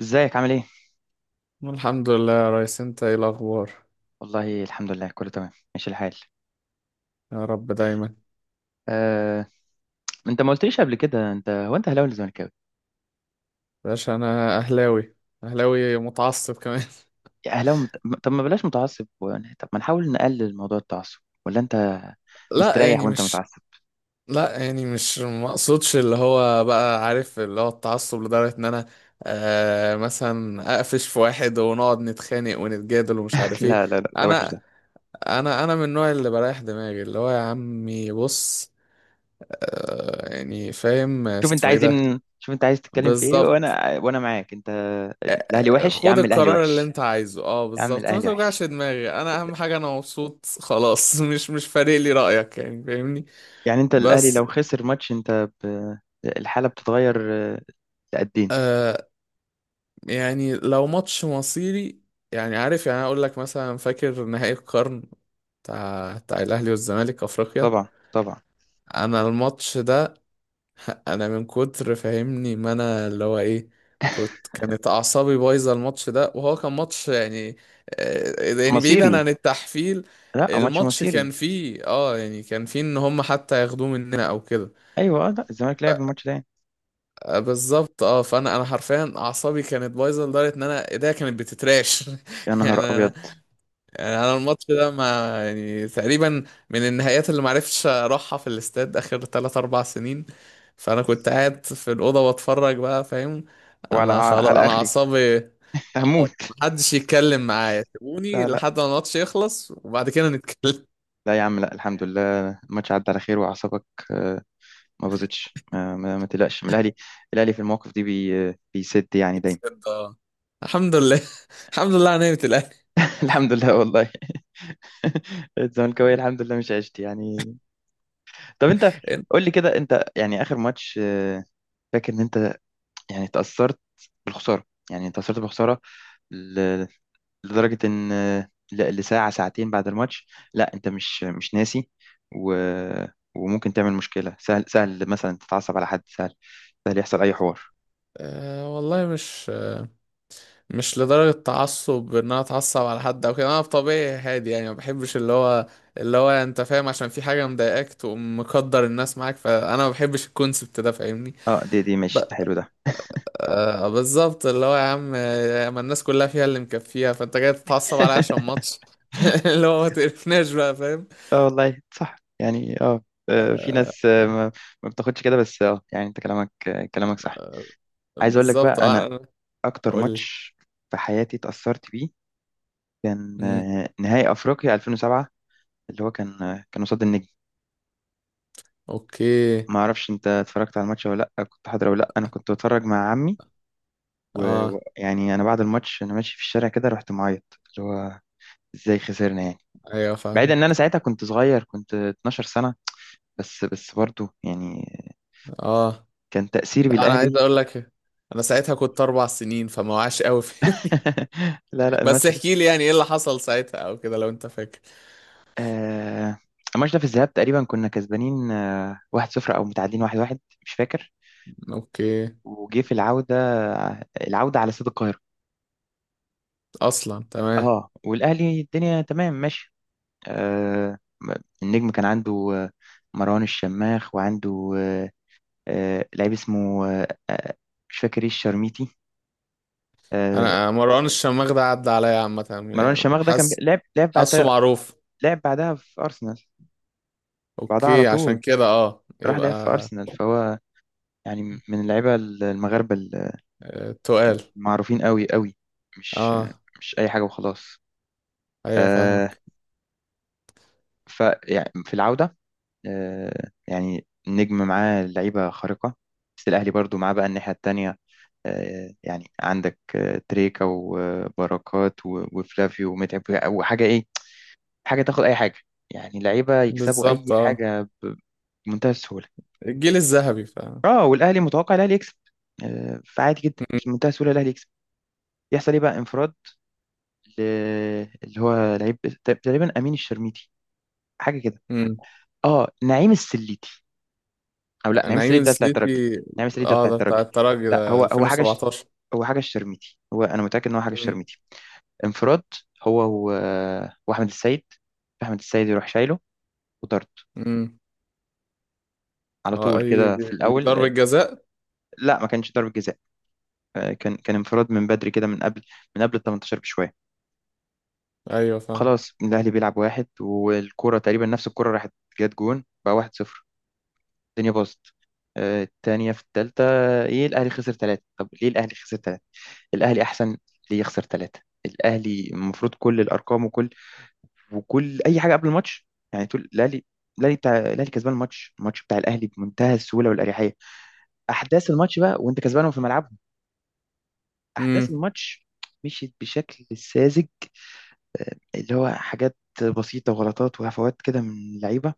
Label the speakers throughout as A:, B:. A: ازيك عامل ايه؟
B: الحمد لله يا ريس، انت ايه الاخبار؟
A: والله الحمد لله كله تمام ماشي الحال.
B: يا رب دايما.
A: آه، انت ما قلتليش قبل كده انت اهلاوي ولا زملكاوي؟
B: باشا انا اهلاوي، اهلاوي متعصب كمان.
A: يا اهلاوي مت... طب ما بلاش متعصب و... طب ما نحاول نقلل موضوع التعصب، ولا انت
B: لا،
A: مستريح
B: يعني
A: وانت
B: مش.
A: متعصب؟
B: لا، يعني مش مقصودش اللي هو، بقى عارف، اللي هو التعصب لدرجة ان انا مثلا اقفش في واحد ونقعد نتخانق ونتجادل ومش عارف ايه.
A: لا لا لا، ده وحش ده.
B: انا انا انا من النوع اللي بريح دماغي، اللي هو يا عمي بص، يعني فاهم
A: شوف انت
B: اسمه ايه
A: عايز ايه
B: ده.
A: من... شوف انت عايز تتكلم في ايه،
B: بالظبط،
A: وانا معاك انت. الاهلي وحش يا
B: خد
A: عم، الاهلي
B: القرار اللي
A: وحش
B: انت عايزه. اه
A: يا عم،
B: بالظبط، ما
A: الاهلي
B: توجعش
A: وحش.
B: دماغي، انا اهم حاجه انا مبسوط خلاص. مش فارق لي رايك، يعني فاهمني.
A: يعني انت الاهلي لو
B: بس،
A: خسر ماتش انت ب... الحالة بتتغير، لقدين.
B: آه، يعني لو ماتش مصيري، يعني عارف، يعني اقول لك مثلا فاكر نهائي القرن بتاع الاهلي والزمالك افريقيا.
A: طبعا طبعا.
B: انا الماتش ده، انا من كتر فاهمني، ما انا اللي هو ايه، كانت اعصابي بايظه الماتش ده، وهو كان ماتش يعني، يعني بعيدا
A: مصيري،
B: عن التحفيل.
A: لا ماتش
B: الماتش
A: مصيري.
B: كان فيه يعني، كان فيه ان هم حتى ياخدوه مننا او كده.
A: ايوه لا الزمالك لعب الماتش ده يعني.
B: بالظبط، فانا حرفيا اعصابي كانت بايظه لدرجه ان انا ايديا كانت بتتراش.
A: يا
B: يعني
A: نهار
B: انا،
A: ابيض.
B: يعني انا الماتش ده ما، يعني تقريبا من النهايات اللي معرفتش اروحها في الاستاد اخر 3 4 سنين. فانا كنت قاعد في الاوضه بتفرج بقى، فاهم،
A: وعلى
B: انا خلاص،
A: على
B: انا
A: اخري
B: اعصابي، اه
A: هموت.
B: محدش يتكلم معايا، سيبوني
A: لا لا
B: لحد ما الماتش يخلص وبعد كده نتكلم.
A: لا يا عم، لا الحمد لله الماتش عدى على خير واعصابك آه، ما باظتش. ما تقلقش من الاهلي، الاهلي في المواقف دي بي بيسد يعني دايما.
B: بجد، آه. الحمد لله. الحمد لله على نعمه الاهلي.
A: الحمد لله والله. الزملكاويه الحمد لله مش عشت يعني. طب انت
B: انت،
A: قول لي كده، انت يعني اخر ماتش فاكر ان انت يعني تاثرت بالخساره، يعني تاثرت بالخساره لدرجة إن لساعة ساعتين بعد الماتش لا أنت مش ناسي و... وممكن تعمل مشكلة، سهل سهل مثلا تتعصب على حد، سهل سهل يحصل أي حوار.
B: آه والله مش، مش لدرجة تعصب ان انا اتعصب على حد او كده، انا بطبيعي هادي، يعني ما بحبش اللي هو، اللي هو انت فاهم، عشان في حاجة مضايقاك تقوم مقدر الناس معاك، فانا ما بحبش الكونسبت ده، فاهمني.
A: اه دي
B: ب...
A: ماشي، ده حلو ده.
B: بالظبط، اللي هو يا عم، ما الناس كلها فيها اللي مكفيها، فانت جاي تتعصب عليا عشان ماتش. اللي هو ما تقرفناش بقى، فاهم.
A: اه والله صح يعني اه. في
B: آه
A: ناس ما بتاخدش كده، بس اه يعني انت كلامك كلامك صح. عايز اقول لك بقى،
B: بالظبط،
A: انا
B: انا
A: اكتر
B: قلت.
A: ماتش في حياتي اتأثرت بيه كان
B: مم.
A: نهائي افريقيا 2007، اللي هو كان كان قصاد النجم.
B: اوكي.
A: ما اعرفش انت اتفرجت على الماتش ولا لا، كنت حاضر ولا لا. انا كنت بتفرج مع عمي،
B: اه
A: ويعني انا بعد الماتش انا ماشي في الشارع كده رحت معيط. اللي هو ازاي خسرنا يعني؟
B: ايوه
A: بعيد
B: فاهم.
A: ان انا ساعتها كنت صغير، كنت 12 سنة، بس بس برضه يعني
B: اه
A: كان تأثيري
B: لا، انا عايز
A: بالاهلي.
B: اقول لك، انا ساعتها كنت 4 سنين فما وعاش قوي. فاهمني.
A: لا لا
B: بس
A: الماتش ده
B: احكي لي يعني ايه اللي حصل ساعتها او كده، لو انت فاكر.
A: آه الماتش ده في الذهاب تقريبا كنا كسبانين 1-0 او متعادلين 1-1، مش فاكر.
B: اوكي،
A: وجه في العودة، العودة على استاد القاهرة،
B: اصلا تمام.
A: اه والاهلي الدنيا تمام ماشي. آه، النجم كان عنده مروان الشماخ، وعنده لعيب اسمه مش فاكر، ايه الشرميتي. آه،
B: انا مروان الشماغ ده عدى عليا عامه،
A: مروان
B: يعني
A: الشماخ ده كان بي-
B: حاسس،
A: لعب لعب
B: حاسه
A: بعدها،
B: معروف.
A: لعب بعدها في أرسنال. بعدها على
B: اوكي، عشان
A: طول
B: كده اه
A: راح
B: يبقى
A: لعب في أرسنال، فهو يعني من اللعيبة المغاربة
B: آه، تقال.
A: المعروفين قوي قوي، مش
B: اه
A: مش أي حاجة وخلاص.
B: ايوه
A: آه،
B: فاهمك.
A: ف يعني في العودة يعني النجم معاه لعيبة خارقة، بس الأهلي برضو معاه بقى الناحية التانية يعني عندك تريكا وبركات وفلافيو ومتعب، وحاجة إيه، حاجة تاخد أي حاجة، يعني لعيبة يكسبوا أي
B: بالظبط
A: حاجة بمنتهى السهولة.
B: الجيل الذهبي فاهم.
A: اه والأهلي متوقع الأهلي يكسب، فعادي جدا
B: مم.
A: بمنتهى السهولة الأهلي يكسب. يحصل إيه بقى، انفراد ل- اللي هو لعيب تقريبا أمين الشرميتي حاجة كده،
B: مم.
A: اه نعيم السليتي، أو لا نعيم
B: نعيم
A: السليتي ده بتاع الترجي،
B: السليتي.
A: نعيم السليتي ده
B: اه،
A: بتاع
B: ده بتاع
A: الترجي.
B: الترجي،
A: لا
B: ده
A: هو
B: 2017.
A: هو حاجة الشرميتي، هو أنا متأكد إن هو حاجة
B: مم.
A: الشرميتي. انفراد هو و... واحمد السيد، احمد السيد يروح شايله وطرد
B: مم.
A: على
B: اه
A: طول
B: اي،
A: كده
B: دي
A: في
B: دي ضربة
A: الاول.
B: جزاء.
A: لا ما كانش ضربة جزاء، كان انفراد من بدري كده، من قبل من قبل ال 18 بشويه.
B: ايوه فاهم.
A: خلاص الاهلي بيلعب واحد، والكرة تقريبا نفس الكرة راحت جت جون بقى 1-0، الدنيا باظت. التانية في التالتة، ايه الاهلي خسر ثلاثة؟ طب ليه الاهلي خسر ثلاثة؟ الاهلي احسن، ليه يخسر ثلاثة؟ الاهلي المفروض كل الارقام وكل اي حاجه قبل الماتش يعني تقول الاهلي، الاهلي بتاع الاهلي كسبان الماتش، الماتش بتاع الاهلي بمنتهى السهوله والاريحيه. احداث الماتش بقى وانت كسبانهم في ملعبهم، احداث
B: امم.
A: الماتش مشيت بشكل ساذج، اللي هو حاجات بسيطه وغلطات وهفوات كده من اللعيبه.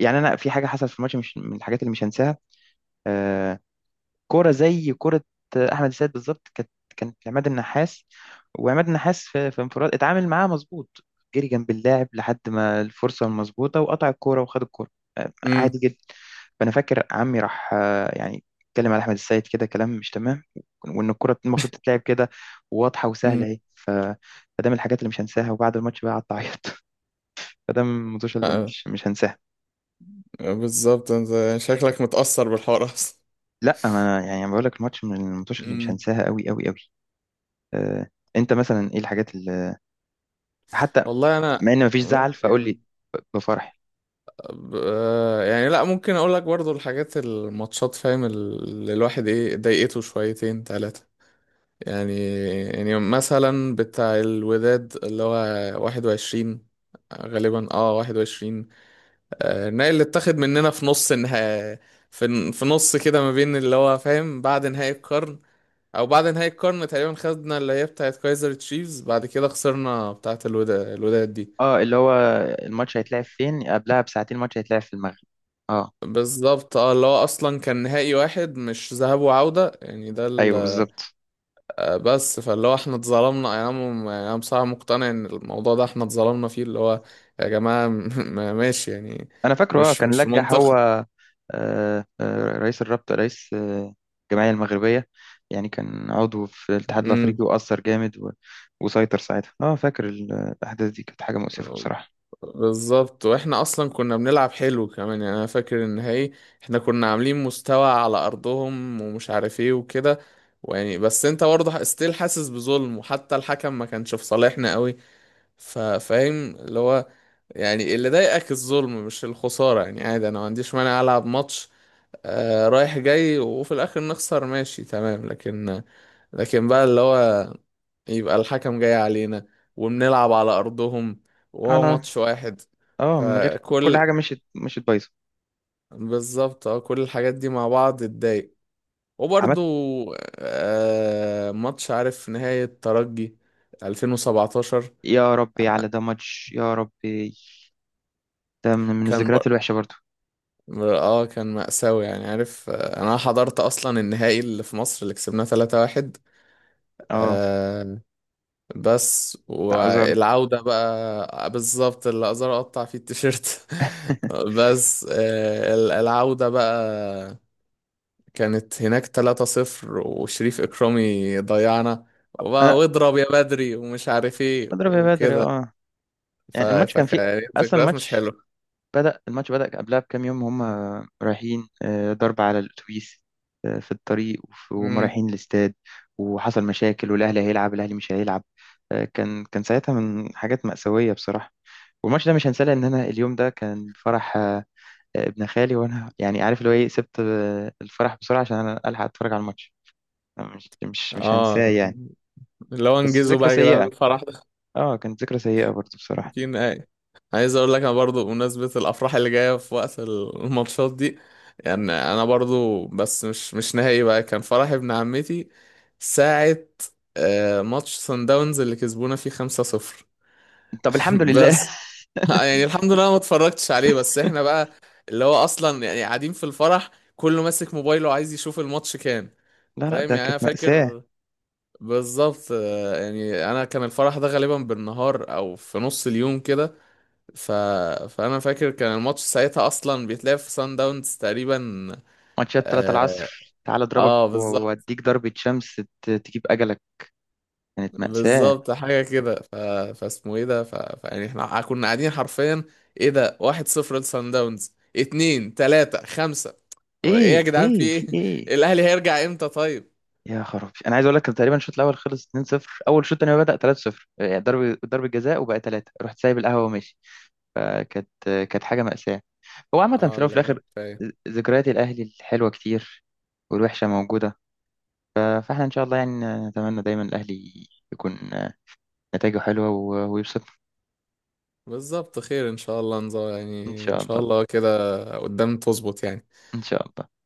A: يعني انا في حاجه حصلت في الماتش مش من الحاجات اللي مش هنساها آه، كوره زي كوره، احمد السيد بالظبط كانت كانت عماد النحاس، وعماد النحاس في انفراد اتعامل معاها مظبوط، جري جنب اللاعب لحد ما الفرصه المظبوطه وقطع الكوره وخد الكوره عادي جدا. فانا فاكر عمي راح يعني اتكلم على احمد السيد كده كلام مش تمام، وان الكره المفروض تتلعب كده واضحه وسهله اهي. فده من الحاجات اللي مش هنساها، وبعد الماتش بقى قعدت اعيط. فده من الماتش اللي
B: امم.
A: مش هنساها.
B: بالظبط، انت شكلك متأثر بالحوار اصلا.
A: لا ما انا يعني بقول لك الماتش من الماتش اللي مش
B: امم.
A: هنساها قوي قوي قوي. آه، انت مثلا ايه الحاجات اللي حتى
B: والله انا
A: مع ان مفيش زعل فقول
B: ممكن،
A: لي بفرح.
B: يعني لا، ممكن اقول لك برضو الحاجات، الماتشات فاهم اللي الواحد ايه ضايقته، شويتين ثلاثة. يعني، يعني مثلا بتاع الوداد اللي هو 21، غالبا اه 21، آه النهائي اللي اتاخد مننا في نص النهائي، في نص كده ما بين اللي هو فاهم، بعد نهائي القرن او بعد نهاية القرن تقريبا، خدنا اللي هي بتاعت كايزر تشيفز، بعد كده خسرنا بتاعت الودا، الوداد دي.
A: اه اللي هو الماتش هيتلعب فين؟ قبلها بساعتين الماتش هيتلعب في المغرب اه.
B: بالظبط، اه اللي هو اصلا كان نهائي واحد مش ذهاب وعودة، يعني ده
A: ايوه بالظبط،
B: آه، بس فاللي هو احنا اتظلمنا، يعني انا، يعني انا بصراحة مقتنع ان الموضوع ده احنا اتظلمنا فيه، اللي هو يا جماعة. ماشي يعني،
A: انا فاكره اه
B: مش
A: كان
B: مش
A: لجح هو
B: منطقي.
A: رئيس الرابطة، رئيس الجمعية المغربية، يعني كان عضو في الاتحاد
B: امم.
A: الافريقي واثر جامد وسيطر ساعتها، اه فاكر الاحداث دي كانت حاجة مؤسفة بصراحة.
B: بالظبط، واحنا اصلا كنا بنلعب حلو كمان، يعني انا فاكر النهائي احنا كنا عاملين مستوى على ارضهم ومش عارف ايه وكده. ويعني بس انت برضه ستيل حاسس بظلم، وحتى الحكم ما كانش في صالحنا قوي. فاهم اللي هو، يعني اللي ضايقك الظلم مش الخسارة. يعني عادي، انا ما عنديش مانع العب ماتش آه رايح جاي وفي الاخر نخسر، ماشي تمام، لكن، لكن بقى اللي هو، يبقى الحكم جاي علينا، وبنلعب على أرضهم، وهو
A: على
B: ماتش واحد.
A: اه من غير كل
B: فكل،
A: حاجة مشيت بايظة
B: بالظبط، اه كل الحاجات دي مع بعض اتضايق. وبرضو
A: عملت.
B: آه ماتش، عارف، نهاية ترجي 2017.
A: يا ربي على ده ماتش، يا ربي ده من
B: كان،
A: الذكريات الوحشه برضو.
B: اه كان مأساوي، يعني عارف. آه، انا حضرت اصلا النهائي اللي في مصر اللي كسبناه 3-1،
A: اه
B: بس
A: بتاع ازارو.
B: والعودة بقى بالظبط اللي أقدر أقطع فيه التيشيرت. بس آه، العودة بقى كانت هناك 3-0 وشريف إكرامي ضيعنا، وبقى
A: انا
B: واضرب يا بدري ومش عارف ايه
A: اضرب يا بدر
B: وكده.
A: اه، يعني الماتش كان فيه
B: فكانت
A: اصلا،
B: ذكريات مش
A: الماتش
B: حلوة.
A: بدأ، الماتش بدأ قبلها بكام يوم، هم رايحين ضرب على الاتوبيس في الطريق وهم
B: امم.
A: رايحين الاستاد، وحصل مشاكل، والاهلي هيلعب الاهلي مش هيلعب، كان كان ساعتها من حاجات مأساوية بصراحة. والماتش ده مش هنساه لان انا اليوم ده كان فرح ابن خالي، وانا يعني عارف اللي هو ايه، سبت الفرح بسرعة عشان انا الحق اتفرج على الماتش. أنا مش
B: اه
A: هنساه يعني.
B: اللي هو
A: بس
B: انجزوا
A: ذكرى
B: بقى يا جدعان
A: سيئة،
B: الفرح.
A: اه كانت ذكرى سيئة برضو بصراحة.
B: يمكن اي، عايز اقول لك انا برضو بمناسبة الافراح اللي جاية في وقت الماتشات دي. يعني انا برضو، بس مش نهائي بقى، كان فرح ابن عمتي ساعة آه، ماتش سان داونز اللي كسبونا فيه 5-0.
A: طب الحمد لله.
B: بس آه، يعني الحمد لله ما اتفرجتش عليه. بس احنا بقى اللي هو اصلا، يعني قاعدين في الفرح كله ماسك موبايله عايز يشوف الماتش كام.
A: لا لا
B: فاهم؟
A: ده
B: يعني انا
A: كانت مأساة،
B: فاكر بالظبط، آه، يعني انا كان الفرح ده غالبا بالنهار او في نص اليوم كده. ف... فانا فاكر كان الماتش ساعتها اصلا بيتلعب في سان داونز تقريبا.
A: ماتشات 3
B: اه،
A: العصر تعال اضربك
B: آه بالظبط.
A: واديك ضربة شمس، تجيب اجلك، كانت مأساة.
B: بالظبط حاجه كده. فاسمه ايه ده؟ فيعني احنا كنا قاعدين حرفيا، ايه ده، 1-0 لسان داونز، اتنين، تلاته، خمسه. طب ايه يا
A: ايه
B: جدعان؟ في
A: ايه في
B: ايه؟
A: ايه؟
B: الاهلي هيرجع امتى طيب؟
A: يا خرابي، انا عايز اقول لك كان تقريبا الشوط الاول خلص 2-0، اول شوط تاني ما بدأ 3-0، يعني ضرب جزاء وبقى 3، رحت سايب القهوة وماشي. فكانت كانت حاجة مأساة. هو عامة في
B: اه
A: الاول وفي
B: اللي هو
A: الاخر
B: كفايه.
A: ذكريات الاهلي الحلوة كتير، والوحشة موجودة، فاحنا ان شاء الله يعني نتمنى دايما الاهلي يكون نتائجه حلوه ويبسطنا.
B: بالظبط خير ان شاء الله.
A: ان
B: يعني ان
A: شاء
B: شاء
A: الله
B: الله كده قدام تظبط يعني.
A: ان شاء الله.